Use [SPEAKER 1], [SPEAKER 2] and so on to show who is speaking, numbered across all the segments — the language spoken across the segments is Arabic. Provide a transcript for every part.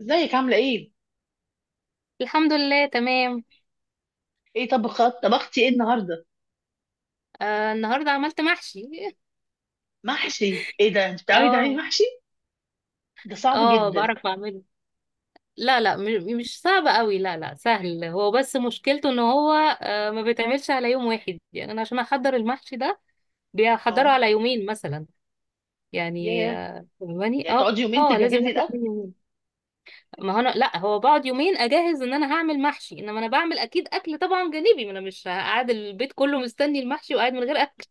[SPEAKER 1] ازيك عاملة ايه؟
[SPEAKER 2] الحمد لله، تمام.
[SPEAKER 1] ايه طبخات طبختي ايه النهاردة؟
[SPEAKER 2] النهارده عملت محشي.
[SPEAKER 1] محشي ايه ده؟ انت بتعرفي تعملي
[SPEAKER 2] اه.
[SPEAKER 1] محشي؟ ده صعب
[SPEAKER 2] اه،
[SPEAKER 1] جدا.
[SPEAKER 2] بعرف اعمله. لا، لا، مش صعب قوي، لا لا، سهل، هو بس مشكلته ان هو ما بيتعملش على يوم واحد. يعني انا عشان احضر المحشي ده بيحضره
[SPEAKER 1] اه.
[SPEAKER 2] على يومين مثلا. يعني
[SPEAKER 1] ياه.
[SPEAKER 2] فاهماني،
[SPEAKER 1] يعني
[SPEAKER 2] اه.
[SPEAKER 1] تقعدي يومين
[SPEAKER 2] اه لازم
[SPEAKER 1] تجهزي
[SPEAKER 2] ياخد
[SPEAKER 1] الأكل؟
[SPEAKER 2] مني يومين. ما هو انا، لا، هو بقعد يومين اجهز ان انا هعمل محشي، انما انا بعمل اكيد اكل طبعا جانبي، ما انا مش قاعد البيت كله مستني المحشي وقاعد من غير اكل.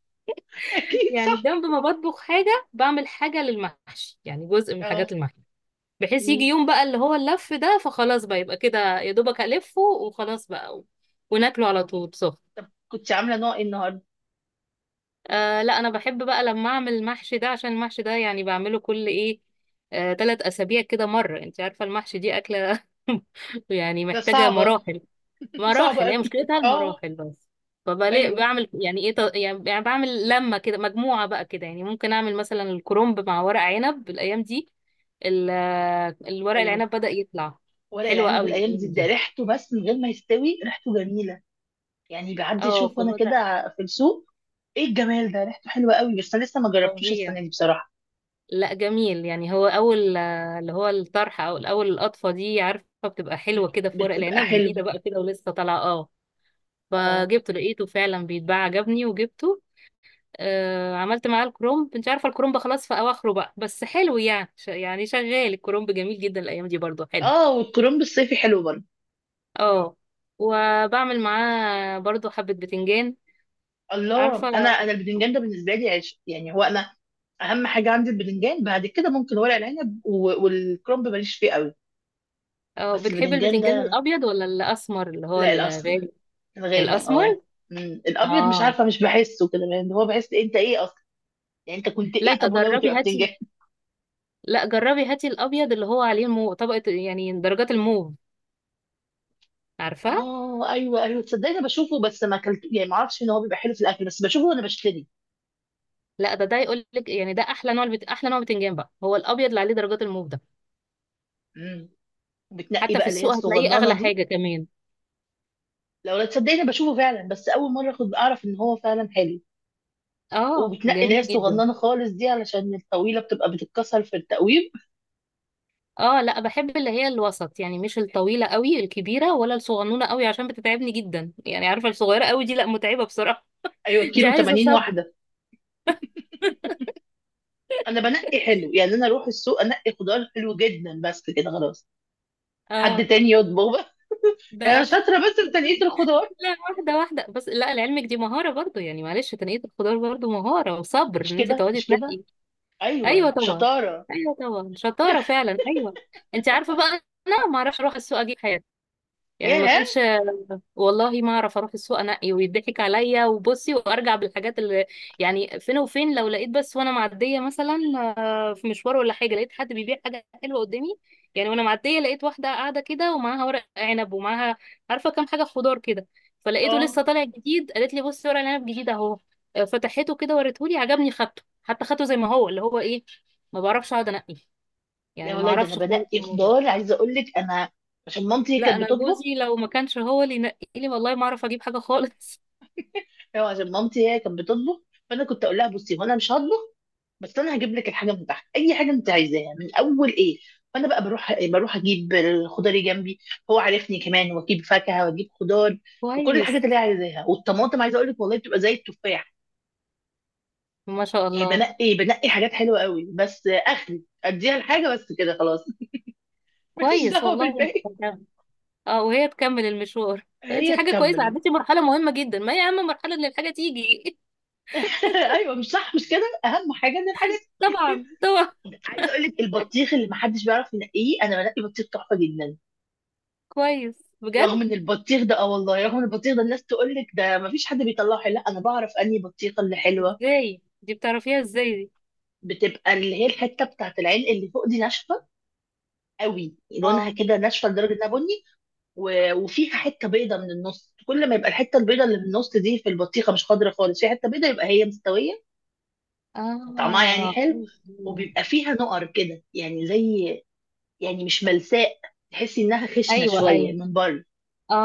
[SPEAKER 1] أكيد
[SPEAKER 2] يعني
[SPEAKER 1] صح.
[SPEAKER 2] جنب ما بطبخ حاجة بعمل حاجة للمحشي، يعني جزء من حاجات
[SPEAKER 1] اه.
[SPEAKER 2] المحشي، بحيث يجي
[SPEAKER 1] مم.
[SPEAKER 2] يوم بقى اللي هو اللف ده، فخلاص بقى يبقى كده يا دوبك ألفه وخلاص بقى وناكله على طول سخن.
[SPEAKER 1] طب كنت عاملة نوع ايه النهاردة؟
[SPEAKER 2] لا، أنا بحب بقى لما أعمل المحشي ده، عشان المحشي ده يعني بعمله كل إيه، 3 أسابيع كده مرة. أنت عارفة المحشي دي أكلة، يعني
[SPEAKER 1] ده
[SPEAKER 2] محتاجة
[SPEAKER 1] صعبة.
[SPEAKER 2] مراحل.
[SPEAKER 1] صعبة
[SPEAKER 2] مراحل، هي
[SPEAKER 1] أوي.
[SPEAKER 2] مشكلتها
[SPEAKER 1] اه.
[SPEAKER 2] المراحل بس. فبلاقي
[SPEAKER 1] ايوه،
[SPEAKER 2] بعمل يعني ايه، يعني بعمل لمة كده، مجموعة بقى كده، يعني ممكن اعمل مثلا الكرنب مع ورق عنب الايام دي. ال- الورق
[SPEAKER 1] ايوه،
[SPEAKER 2] العنب بدأ يطلع.
[SPEAKER 1] ورق
[SPEAKER 2] حلوة
[SPEAKER 1] العنب
[SPEAKER 2] قوي
[SPEAKER 1] الأيام دي
[SPEAKER 2] الايام
[SPEAKER 1] ده
[SPEAKER 2] دي،
[SPEAKER 1] ريحته بس من غير ما يستوي ريحته جميلة. يعني بعدي
[SPEAKER 2] اه
[SPEAKER 1] اشوف وانا كده
[SPEAKER 2] فبدأ.
[SPEAKER 1] في السوق. ايه الجمال ده، ريحته حلوة قوي بس انا لسه ما جربتوش
[SPEAKER 2] فظيع.
[SPEAKER 1] السنة دي بصراحة.
[SPEAKER 2] لا جميل، يعني هو اول، اللي هو الطرحة او الاول، القطفة دي عارفة بتبقى حلوة كده في ورق
[SPEAKER 1] بتبقى
[SPEAKER 2] العنب
[SPEAKER 1] حلو.
[SPEAKER 2] جديدة بقى كده ولسه طالعة، اه.
[SPEAKER 1] اه.
[SPEAKER 2] فجبته لقيته فعلا بيتباع، عجبني وجبته. عملت معاه الكرومب، مش عارفة الكرومب خلاص في أواخره بقى، بس حلو، يعني شغال الكرومب، جميل جدا الأيام دي برضو، حلو.
[SPEAKER 1] اه، والكرنب الصيفي حلو برضه.
[SPEAKER 2] اه، وبعمل معاه برضو حبة بتنجان.
[SPEAKER 1] الله،
[SPEAKER 2] عارفة.
[SPEAKER 1] انا البتنجان ده بالنسبه لي عيش، يعني هو انا اهم حاجه عندي البتنجان، بعد كده ممكن ورق العنب والكرنب ماليش فيه قوي.
[SPEAKER 2] اه،
[SPEAKER 1] بس
[SPEAKER 2] بتحب
[SPEAKER 1] البتنجان
[SPEAKER 2] البتنجان
[SPEAKER 1] ده،
[SPEAKER 2] الأبيض ولا الأسمر اللي هو
[SPEAKER 1] لا الاسمر،
[SPEAKER 2] الغالي؟
[SPEAKER 1] الغامق،
[SPEAKER 2] الأسمر.
[SPEAKER 1] اه. مم. الابيض مش
[SPEAKER 2] اه،
[SPEAKER 1] عارفه، مش بحسه كده، يعني هو بحس إيه، انت ايه اصلا؟ يعني انت كنت
[SPEAKER 2] لا
[SPEAKER 1] ايه طب وناوي
[SPEAKER 2] جربي
[SPEAKER 1] تبقى
[SPEAKER 2] هاتي
[SPEAKER 1] بتنجان؟
[SPEAKER 2] لا جربي هاتي الأبيض اللي هو عليه المو طبقة، يعني درجات الموف. عارفاه.
[SPEAKER 1] اه، ايوه، ايوه، تصدقني انا بشوفه بس ما اكلت، يعني ما اعرفش ان هو بيبقى حلو في الاكل، بس بشوفه وانا بشتري.
[SPEAKER 2] لا، ده يقول لك يعني ده أحلى نوع أحلى نوع بتنجان بقى هو الأبيض اللي عليه درجات الموف ده.
[SPEAKER 1] امم. بتنقي
[SPEAKER 2] حتى في
[SPEAKER 1] بقى اللي هي
[SPEAKER 2] السوق هتلاقيه
[SPEAKER 1] الصغننه
[SPEAKER 2] أغلى
[SPEAKER 1] دي.
[SPEAKER 2] حاجة كمان.
[SPEAKER 1] لو لا، تصدقني بشوفه فعلا، بس اول مره اخد اعرف ان هو فعلا حلو.
[SPEAKER 2] اه
[SPEAKER 1] وبتنقي اللي هي
[SPEAKER 2] جميل جدا.
[SPEAKER 1] الصغننه خالص دي، علشان الطويله بتبقى بتتكسر في التقويم.
[SPEAKER 2] اه، لا بحب اللي هي الوسط، يعني مش الطويلة قوي الكبيرة ولا الصغنونة قوي، عشان بتتعبني جدا. يعني عارفة الصغيرة قوي دي، لا، متعبة بصراحة.
[SPEAKER 1] ايوه،
[SPEAKER 2] دي
[SPEAKER 1] كيلو
[SPEAKER 2] عايزة
[SPEAKER 1] 80
[SPEAKER 2] صبر.
[SPEAKER 1] واحده. انا بنقي حلو، يعني انا اروح السوق انقي خضار حلو جدا بس كده خلاص. حد
[SPEAKER 2] اه.
[SPEAKER 1] تاني يطبخ بقى. يعني أنا
[SPEAKER 2] ده.
[SPEAKER 1] شاطره بس في تنقيه الخضار،
[SPEAKER 2] لا واحدة واحدة بس، لا، لعلمك دي مهارة برضو، يعني معلش، تنقية الخضار برضو مهارة، وصبر
[SPEAKER 1] مش
[SPEAKER 2] ان انت
[SPEAKER 1] كده،
[SPEAKER 2] تقعدي
[SPEAKER 1] مش كده.
[SPEAKER 2] تنقي. ايوه
[SPEAKER 1] ايوه،
[SPEAKER 2] طبعا.
[SPEAKER 1] شطاره.
[SPEAKER 2] ايوه طبعا، شطارة فعلا، ايوه. انت عارفة بقى، انا ما اعرفش اروح السوق اجيب حاجة. يعني ما
[SPEAKER 1] ياه.
[SPEAKER 2] كانش. والله ما اعرف اروح السوق انقي، ويضحك عليا وبصي وارجع بالحاجات اللي، يعني فين وفين. لو لقيت بس وانا معديه مثلا، في مشوار ولا حاجه، لقيت حد بيبيع حاجه حلوه قدامي، يعني وانا معديه لقيت واحده قاعده كده ومعاها ورق عنب ومعاها، عارفه، كام حاجه خضار كده. فلقيته
[SPEAKER 1] اه.
[SPEAKER 2] لسه طالع جديد، قالت لي بصي ورق العنب جديد اهو. فتحته كده وريته لي، عجبني خدته، حتى خدته زي ما هو، اللي هو ايه. ما بعرفش اقعد انقي،
[SPEAKER 1] لا
[SPEAKER 2] يعني ما
[SPEAKER 1] والله، ده انا
[SPEAKER 2] اعرفش خالص
[SPEAKER 1] بنقي
[SPEAKER 2] الموضوع.
[SPEAKER 1] خضار عايزه اقول لك، انا عشان مامتي هي
[SPEAKER 2] لا
[SPEAKER 1] كانت
[SPEAKER 2] انا
[SPEAKER 1] بتطبخ.
[SPEAKER 2] جوزي لو ما كانش هو اللي ينقي لي، والله ما اعرف اجيب حاجه خالص.
[SPEAKER 1] أيوة، عشان مامتي هي كانت بتطبخ، فانا كنت اقول لها بصي، هو انا مش هطبخ بس انا هجيب لك الحاجه من تحت، اي حاجه انت عايزاها من اول ايه. فانا بقى بروح اجيب الخضار اللي جنبي، هو عارفني كمان، واجيب فاكهه واجيب خضار. وكل
[SPEAKER 2] كويس.
[SPEAKER 1] الحاجات اللي هي عايزاها، والطماطم عايزه اقول لك والله بتبقى زي التفاح.
[SPEAKER 2] ما شاء
[SPEAKER 1] يعني
[SPEAKER 2] الله.
[SPEAKER 1] بنقي حاجات حلوه قوي، بس اخري اديها الحاجه بس كده خلاص. مفيش
[SPEAKER 2] كويس
[SPEAKER 1] دعوه
[SPEAKER 2] والله،
[SPEAKER 1] بالباقي.
[SPEAKER 2] مقدرة. اه، وهي تكمل المشوار. لا، دي
[SPEAKER 1] هي
[SPEAKER 2] حاجه كويسه،
[SPEAKER 1] تكمل.
[SPEAKER 2] عديتي مرحله مهمه جدا، ما هي اهم مرحله ان الحاجه تيجي.
[SPEAKER 1] ايوه، مش صح، مش كده، اهم حاجه ان الحاجات.
[SPEAKER 2] طبعا طبعا.
[SPEAKER 1] عايزه اقول لك البطيخ اللي محدش بيعرف ينقيه، انا بنقي بطيخ تحفه جدا.
[SPEAKER 2] كويس
[SPEAKER 1] رغم
[SPEAKER 2] بجد.
[SPEAKER 1] ان البطيخ ده، اه والله، رغم ان البطيخ ده الناس تقول لك ده ما فيش حد بيطلعه حلو، لا انا بعرف انهي بطيخه اللي حلوه.
[SPEAKER 2] ازاي دي بتعرفيها؟ ازاي دي؟
[SPEAKER 1] بتبقى اللي هي الحته بتاعت العلق اللي فوق دي ناشفه قوي، لونها
[SPEAKER 2] اه.
[SPEAKER 1] كده ناشفه لدرجه انها بني. وفيها حته بيضه من النص، كل ما يبقى الحته البيضه اللي من النص دي في البطيخه، مش خضره خالص، في حته بيضه، يبقى هي مستويه وطعمها يعني
[SPEAKER 2] اه
[SPEAKER 1] حلو. وبيبقى فيها نقر كده، يعني زي، يعني مش ملساء، تحسي انها خشنه
[SPEAKER 2] ايوه
[SPEAKER 1] شويه
[SPEAKER 2] ايوه.
[SPEAKER 1] من بره.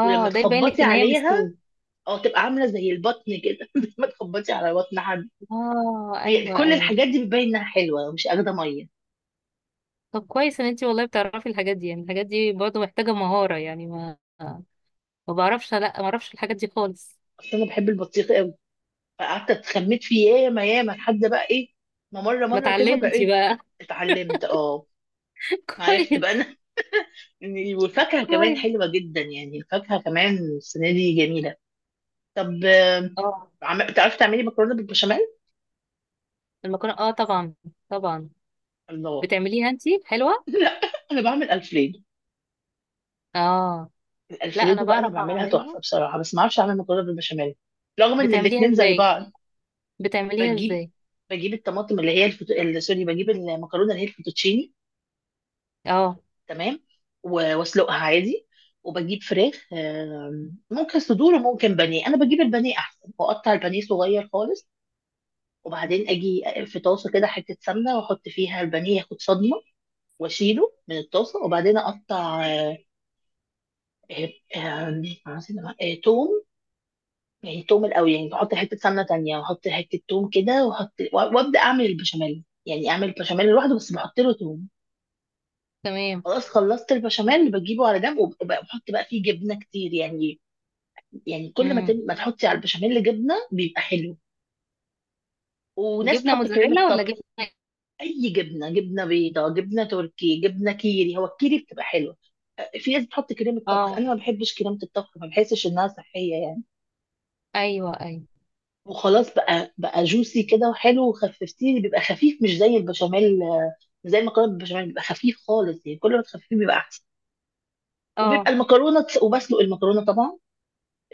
[SPEAKER 1] ولما
[SPEAKER 2] ده يبين
[SPEAKER 1] تخبطي
[SPEAKER 2] لك ان هي
[SPEAKER 1] عليها،
[SPEAKER 2] مستوي.
[SPEAKER 1] او تبقى عامله زي البطن كده ما تخبطي على بطن حد.
[SPEAKER 2] اه
[SPEAKER 1] هي
[SPEAKER 2] ايوه
[SPEAKER 1] كل
[SPEAKER 2] ايوه.
[SPEAKER 1] الحاجات دي بتبين انها حلوه ومش اخده ميه.
[SPEAKER 2] طب كويس ان انتي والله بتعرفي الحاجات دي، يعني الحاجات دي برضه محتاجه مهاره، يعني ما، ما بعرفش، لا، ما بعرفش الحاجات دي خالص.
[SPEAKER 1] اصل انا بحب البطيخ قوي، فقعدت اتخمت فيه ياما ياما لحد بقى ايه، ما مره
[SPEAKER 2] ما
[SPEAKER 1] مره كده
[SPEAKER 2] اتعلمتي
[SPEAKER 1] بقيت
[SPEAKER 2] بقى.
[SPEAKER 1] اتعلمت. اه، عرفت
[SPEAKER 2] كويس.
[SPEAKER 1] بقى انا. والفاكهه كمان
[SPEAKER 2] كويس.
[SPEAKER 1] حلوه جدا، يعني الفاكهه كمان السنه دي جميله. طب،
[SPEAKER 2] اه.
[SPEAKER 1] بتعرفي تعملي مكرونه بالبشاميل؟
[SPEAKER 2] المكرونه اه طبعا، طبعا.
[SPEAKER 1] الله.
[SPEAKER 2] بتعمليها انتي حلوه.
[SPEAKER 1] لا، انا بعمل الفريدو.
[SPEAKER 2] اه، لا انا
[SPEAKER 1] الالفريدو بقى انا
[SPEAKER 2] بعرف
[SPEAKER 1] بعملها
[SPEAKER 2] اعملها.
[SPEAKER 1] تحفه بصراحه، بس ما اعرفش اعمل مكرونه بالبشاميل، رغم ان
[SPEAKER 2] بتعمليها
[SPEAKER 1] الاتنين زي
[SPEAKER 2] ازاي
[SPEAKER 1] بعض.
[SPEAKER 2] بتعمليها
[SPEAKER 1] بجيب
[SPEAKER 2] ازاي؟
[SPEAKER 1] بجيب الطماطم اللي هي سوري، بجيب المكرونه اللي هي الفوتوتشيني.
[SPEAKER 2] اه.
[SPEAKER 1] تمام. واسلقها عادي، وبجيب فراخ، ممكن صدور وممكن بانيه، انا بجيب البانيه احسن، واقطع البانيه صغير خالص. وبعدين اجي في طاسه كده حته سمنه، واحط فيها البانيه ياخد صدمه، واشيله من الطاسه، وبعدين اقطع، آه، آه، آم، عايزين أقول- آه، توم. يعني توم الاول، يعني بحط حته سمنه تانية، واحط حته توم كده، واحط وابدا اعمل البشاميل، يعني اعمل البشاميل لوحده بس بحط له توم.
[SPEAKER 2] تمام.
[SPEAKER 1] خلاص خلصت البشاميل، بجيبه على جنب، وبقى بحط بقى فيه جبنه كتير، يعني، يعني كل ما
[SPEAKER 2] امم
[SPEAKER 1] تن... ما تحطي على البشاميل جبنه بيبقى حلو. وناس
[SPEAKER 2] جبنه
[SPEAKER 1] بتحط كريمه
[SPEAKER 2] موتزاريلا ولا جبنه
[SPEAKER 1] طبخ.
[SPEAKER 2] ايه؟
[SPEAKER 1] اي جبنه، جبنه بيضاء، جبنه تركي، جبنه كيري، هو الكيري بتبقى حلوه. في ناس بتحط كريمه طبخ،
[SPEAKER 2] اه
[SPEAKER 1] انا ما بحبش كريمه الطبخ، ما بحسش انها صحيه يعني.
[SPEAKER 2] ايوه ايوه.
[SPEAKER 1] وخلاص بقى جوسي كده وحلو، وخففتيه بيبقى خفيف مش زي البشاميل، زي المكرونه بالبشاميل بيبقى خفيف خالص، يعني كل ما تخففيه بيبقى احسن. وبيبقى
[SPEAKER 2] اه
[SPEAKER 1] المكرونه وبسلق المكرونه طبعا،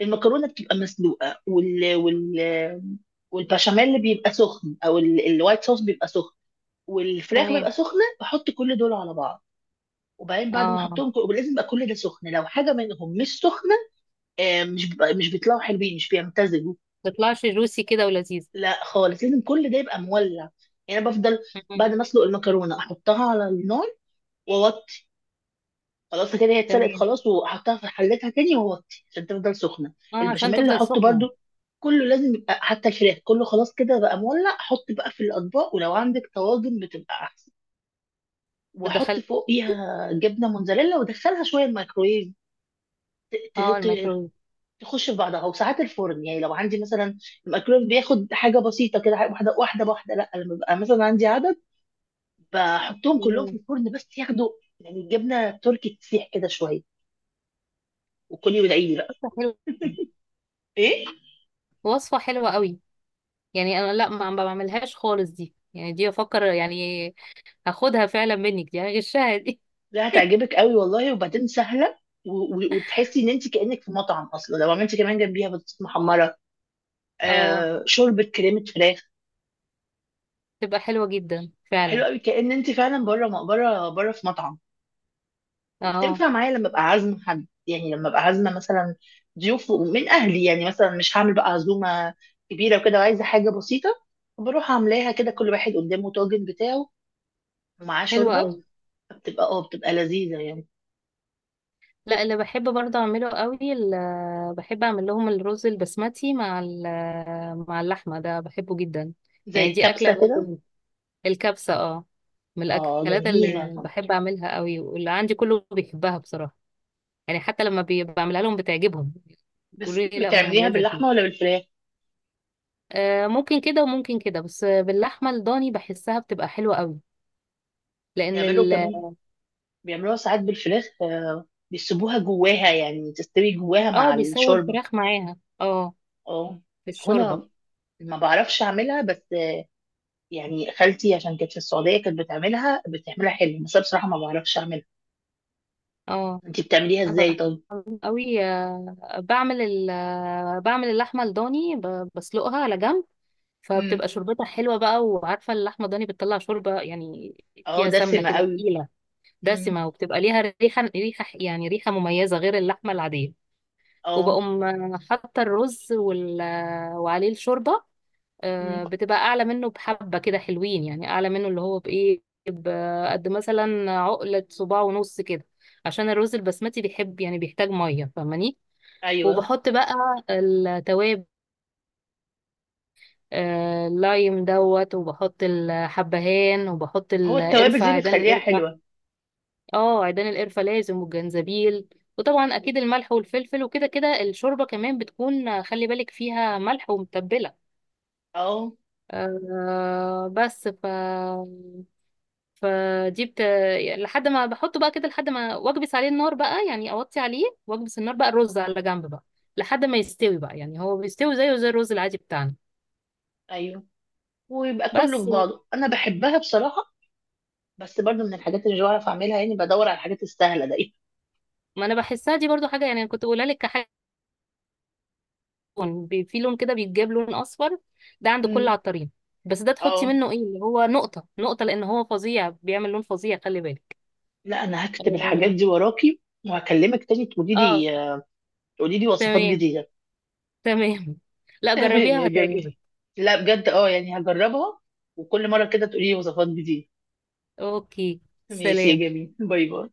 [SPEAKER 1] المكرونه بتبقى مسلوقه، والبشاميل اللي بيبقى سخن، او الوايت صوص بيبقى سخن، والفراخ
[SPEAKER 2] تمام.
[SPEAKER 1] بيبقى سخنه، بحط كل دول على بعض. وبعدين بعد ما
[SPEAKER 2] اه،
[SPEAKER 1] احطهم لازم يبقى كل ده سخن، لو حاجه منهم مش سخنه، مش بيطلعوا حلوين، مش بيمتزجوا.
[SPEAKER 2] تطلعش جوسي كده ولذيذ.
[SPEAKER 1] لا خالص، لازم كل ده يبقى مولع، يعني أنا بفضل
[SPEAKER 2] مم.
[SPEAKER 1] بعد ما اسلق المكرونه احطها على النار، خلاص كده هي اتسلقت
[SPEAKER 2] تمام.
[SPEAKER 1] خلاص، وحطها في حلتها تاني ووطي عشان تفضل سخنه.
[SPEAKER 2] اه عشان
[SPEAKER 1] البشاميل اللي
[SPEAKER 2] تفضل
[SPEAKER 1] احطه
[SPEAKER 2] سخنه.
[SPEAKER 1] برده، كله لازم يبقى، حتى الفراخ، كله خلاص كده بقى مولع. حط بقى في الاطباق، ولو عندك طواجن بتبقى احسن، واحط
[SPEAKER 2] بتدخل.
[SPEAKER 1] فوقيها جبنه موتزاريلا، وادخلها شويه الميكرويف، ت-
[SPEAKER 2] اه،
[SPEAKER 1] ت- ت-
[SPEAKER 2] الميكرويف.
[SPEAKER 1] تخش في بعضها. وساعات الفرن، يعني لو عندي مثلا، الميكرويف بياخد حاجه بسيطه كده، حاجة واحده واحده واحده، لا لما بيبقى مثلا عندي عدد بحطهم كلهم في
[SPEAKER 2] تمام.
[SPEAKER 1] الفرن بس ياخدوا، يعني الجبنه التركي تسيح كده شويه. وكلي وادعي لي بقى.
[SPEAKER 2] وصفه حلوه.
[SPEAKER 1] ايه؟
[SPEAKER 2] وصفه حلوه قوي. يعني انا، لا، ما بعملهاش خالص دي، يعني دي افكر، يعني هاخدها فعلا منك دي، يعني غشها دي.
[SPEAKER 1] لا هتعجبك قوي والله، وبعدين سهله، وتحسي ان انت كانك في مطعم اصلا، لو عملتي كمان جنبيها بطاطس محمره،
[SPEAKER 2] اه.
[SPEAKER 1] شوربه كريمه فراخ،
[SPEAKER 2] تبقى حلوة جدا
[SPEAKER 1] حلو
[SPEAKER 2] فعلا.
[SPEAKER 1] قوي، كأن انت فعلا بره بره بره في مطعم.
[SPEAKER 2] اه.
[SPEAKER 1] وبتنفع معايا لما ابقى عازمه حد، يعني لما ابقى عازمه مثلا ضيوف من اهلي، يعني مثلا مش هعمل بقى عزومه كبيره وكده، وعايزه حاجه بسيطه، بروح عاملاها كده، كل واحد قدامه طاجن بتاعه ومعاه
[SPEAKER 2] حلوة
[SPEAKER 1] شوربه.
[SPEAKER 2] قوي.
[SPEAKER 1] بتبقى لذيذه يعني.
[SPEAKER 2] لا، اللي بحب برضه اعمله قوي اللي بحب اعمل لهم الرز البسمتي مع اللحمة ده، بحبه جدا.
[SPEAKER 1] زي
[SPEAKER 2] يعني دي
[SPEAKER 1] الكبسه
[SPEAKER 2] اكلة برضه
[SPEAKER 1] كده.
[SPEAKER 2] الكبسة اه، من
[SPEAKER 1] اه
[SPEAKER 2] الاكلات اللي
[SPEAKER 1] جميله.
[SPEAKER 2] بحب اعملها قوي، واللي عندي كله بيحبها بصراحة. يعني حتى لما بعملها لهم بتعجبهم، يقولوا
[SPEAKER 1] بس
[SPEAKER 2] لي لا،
[SPEAKER 1] بتعمليها
[SPEAKER 2] مميزة فيه.
[SPEAKER 1] باللحمه ولا بالفراخ؟
[SPEAKER 2] ممكن كده وممكن كده، بس باللحمة الضاني بحسها بتبقى حلوة قوي. لأن
[SPEAKER 1] بيعملوا
[SPEAKER 2] ال،
[SPEAKER 1] كمان، بيعملوها ساعات بالفراخ، بيسيبوها جواها يعني تستوي جواها
[SPEAKER 2] اه
[SPEAKER 1] مع
[SPEAKER 2] بيسووا
[SPEAKER 1] الشوربه.
[SPEAKER 2] الفراخ معاها، اه.
[SPEAKER 1] اه،
[SPEAKER 2] في الشوربة.
[SPEAKER 1] وانا ما بعرفش اعملها بس، يعني خالتي عشان كانت في السعوديه كانت بتعملها حلو، بس أنا بصراحه ما بعرفش اعملها.
[SPEAKER 2] اه.
[SPEAKER 1] انتي بتعمليها
[SPEAKER 2] أنا
[SPEAKER 1] ازاي طيب؟
[SPEAKER 2] بحبهم قوي، بعمل ال آه، بعمل اللحمة الضاني، بسلقها على جنب، فبتبقى
[SPEAKER 1] امم.
[SPEAKER 2] شوربتها حلوة بقى، وعارفة اللحمة الضاني بتطلع شوربة يعني،
[SPEAKER 1] اه،
[SPEAKER 2] فيها سمنة
[SPEAKER 1] دسمه
[SPEAKER 2] كده
[SPEAKER 1] قوي.
[SPEAKER 2] تقيلة،
[SPEAKER 1] امم.
[SPEAKER 2] دسمة، وبتبقى ليها ريحة، ريحة يعني، ريحة مميزة غير اللحمة العادية.
[SPEAKER 1] اه.
[SPEAKER 2] وبقوم حاطة الرز وال... آه، وعليه الشوربة،
[SPEAKER 1] امم.
[SPEAKER 2] بتبقى اعلى منه، بحبه كده حلوين، يعني اعلى منه اللي هو بايه، بقد مثلا عقله صباع ونص كده، عشان الرز البسمتي بيحب يعني بيحتاج ميه، فاهماني.
[SPEAKER 1] ايوه.
[SPEAKER 2] وبحط بقى التوابل، اللايم دوت، وبحط الحبهان، وبحط
[SPEAKER 1] هو التوابل
[SPEAKER 2] القرفه،
[SPEAKER 1] دي
[SPEAKER 2] عيدان
[SPEAKER 1] بتخليها
[SPEAKER 2] القرفه.
[SPEAKER 1] حلوه؟
[SPEAKER 2] اه، عيدان القرفه لازم، والجنزبيل، وطبعا اكيد الملح والفلفل، وكده كده. الشوربه كمان بتكون خلي بالك فيها ملح ومتبله.
[SPEAKER 1] اه.
[SPEAKER 2] بس ف، فدي لحد ما بحطه بقى كده، لحد ما واكبس عليه النار بقى، يعني اوطي عليه واكبس النار بقى، الرز على جنب بقى لحد ما يستوي بقى، يعني هو بيستوي زيه زي الرز العادي بتاعنا.
[SPEAKER 1] ايوه. ويبقى كله
[SPEAKER 2] بس
[SPEAKER 1] في
[SPEAKER 2] و،
[SPEAKER 1] بعضه، انا بحبها بصراحه، بس برضو من الحاجات اللي مش بعرف اعملها، يعني بدور على الحاجات السهله دايما.
[SPEAKER 2] ما انا بحسها دي برضو حاجه، يعني كنت بقولها لك كحاجه، لون، في لون كده بيتجاب، لون اصفر، ده عند كل
[SPEAKER 1] امم.
[SPEAKER 2] عطارين، بس ده تحطي
[SPEAKER 1] اه،
[SPEAKER 2] منه ايه، اللي هو نقطه نقطه، لان هو فظيع، بيعمل لون فظيع، خلي بالك.
[SPEAKER 1] لا انا هكتب الحاجات
[SPEAKER 2] اه.
[SPEAKER 1] دي وراكي، وهكلمك تاني تقولي
[SPEAKER 2] آه،
[SPEAKER 1] لي، تقولي لي وصفات
[SPEAKER 2] تمام،
[SPEAKER 1] جديده.
[SPEAKER 2] تمام. لا
[SPEAKER 1] تمام
[SPEAKER 2] جربيها
[SPEAKER 1] يا جميل.
[SPEAKER 2] هتعجبك.
[SPEAKER 1] لا بجد اه، يعني هجربها، وكل مره كده تقولي لي وصفات جديده.
[SPEAKER 2] اوكي.
[SPEAKER 1] ماشي يا
[SPEAKER 2] سلام.
[SPEAKER 1] جميل، باي باي.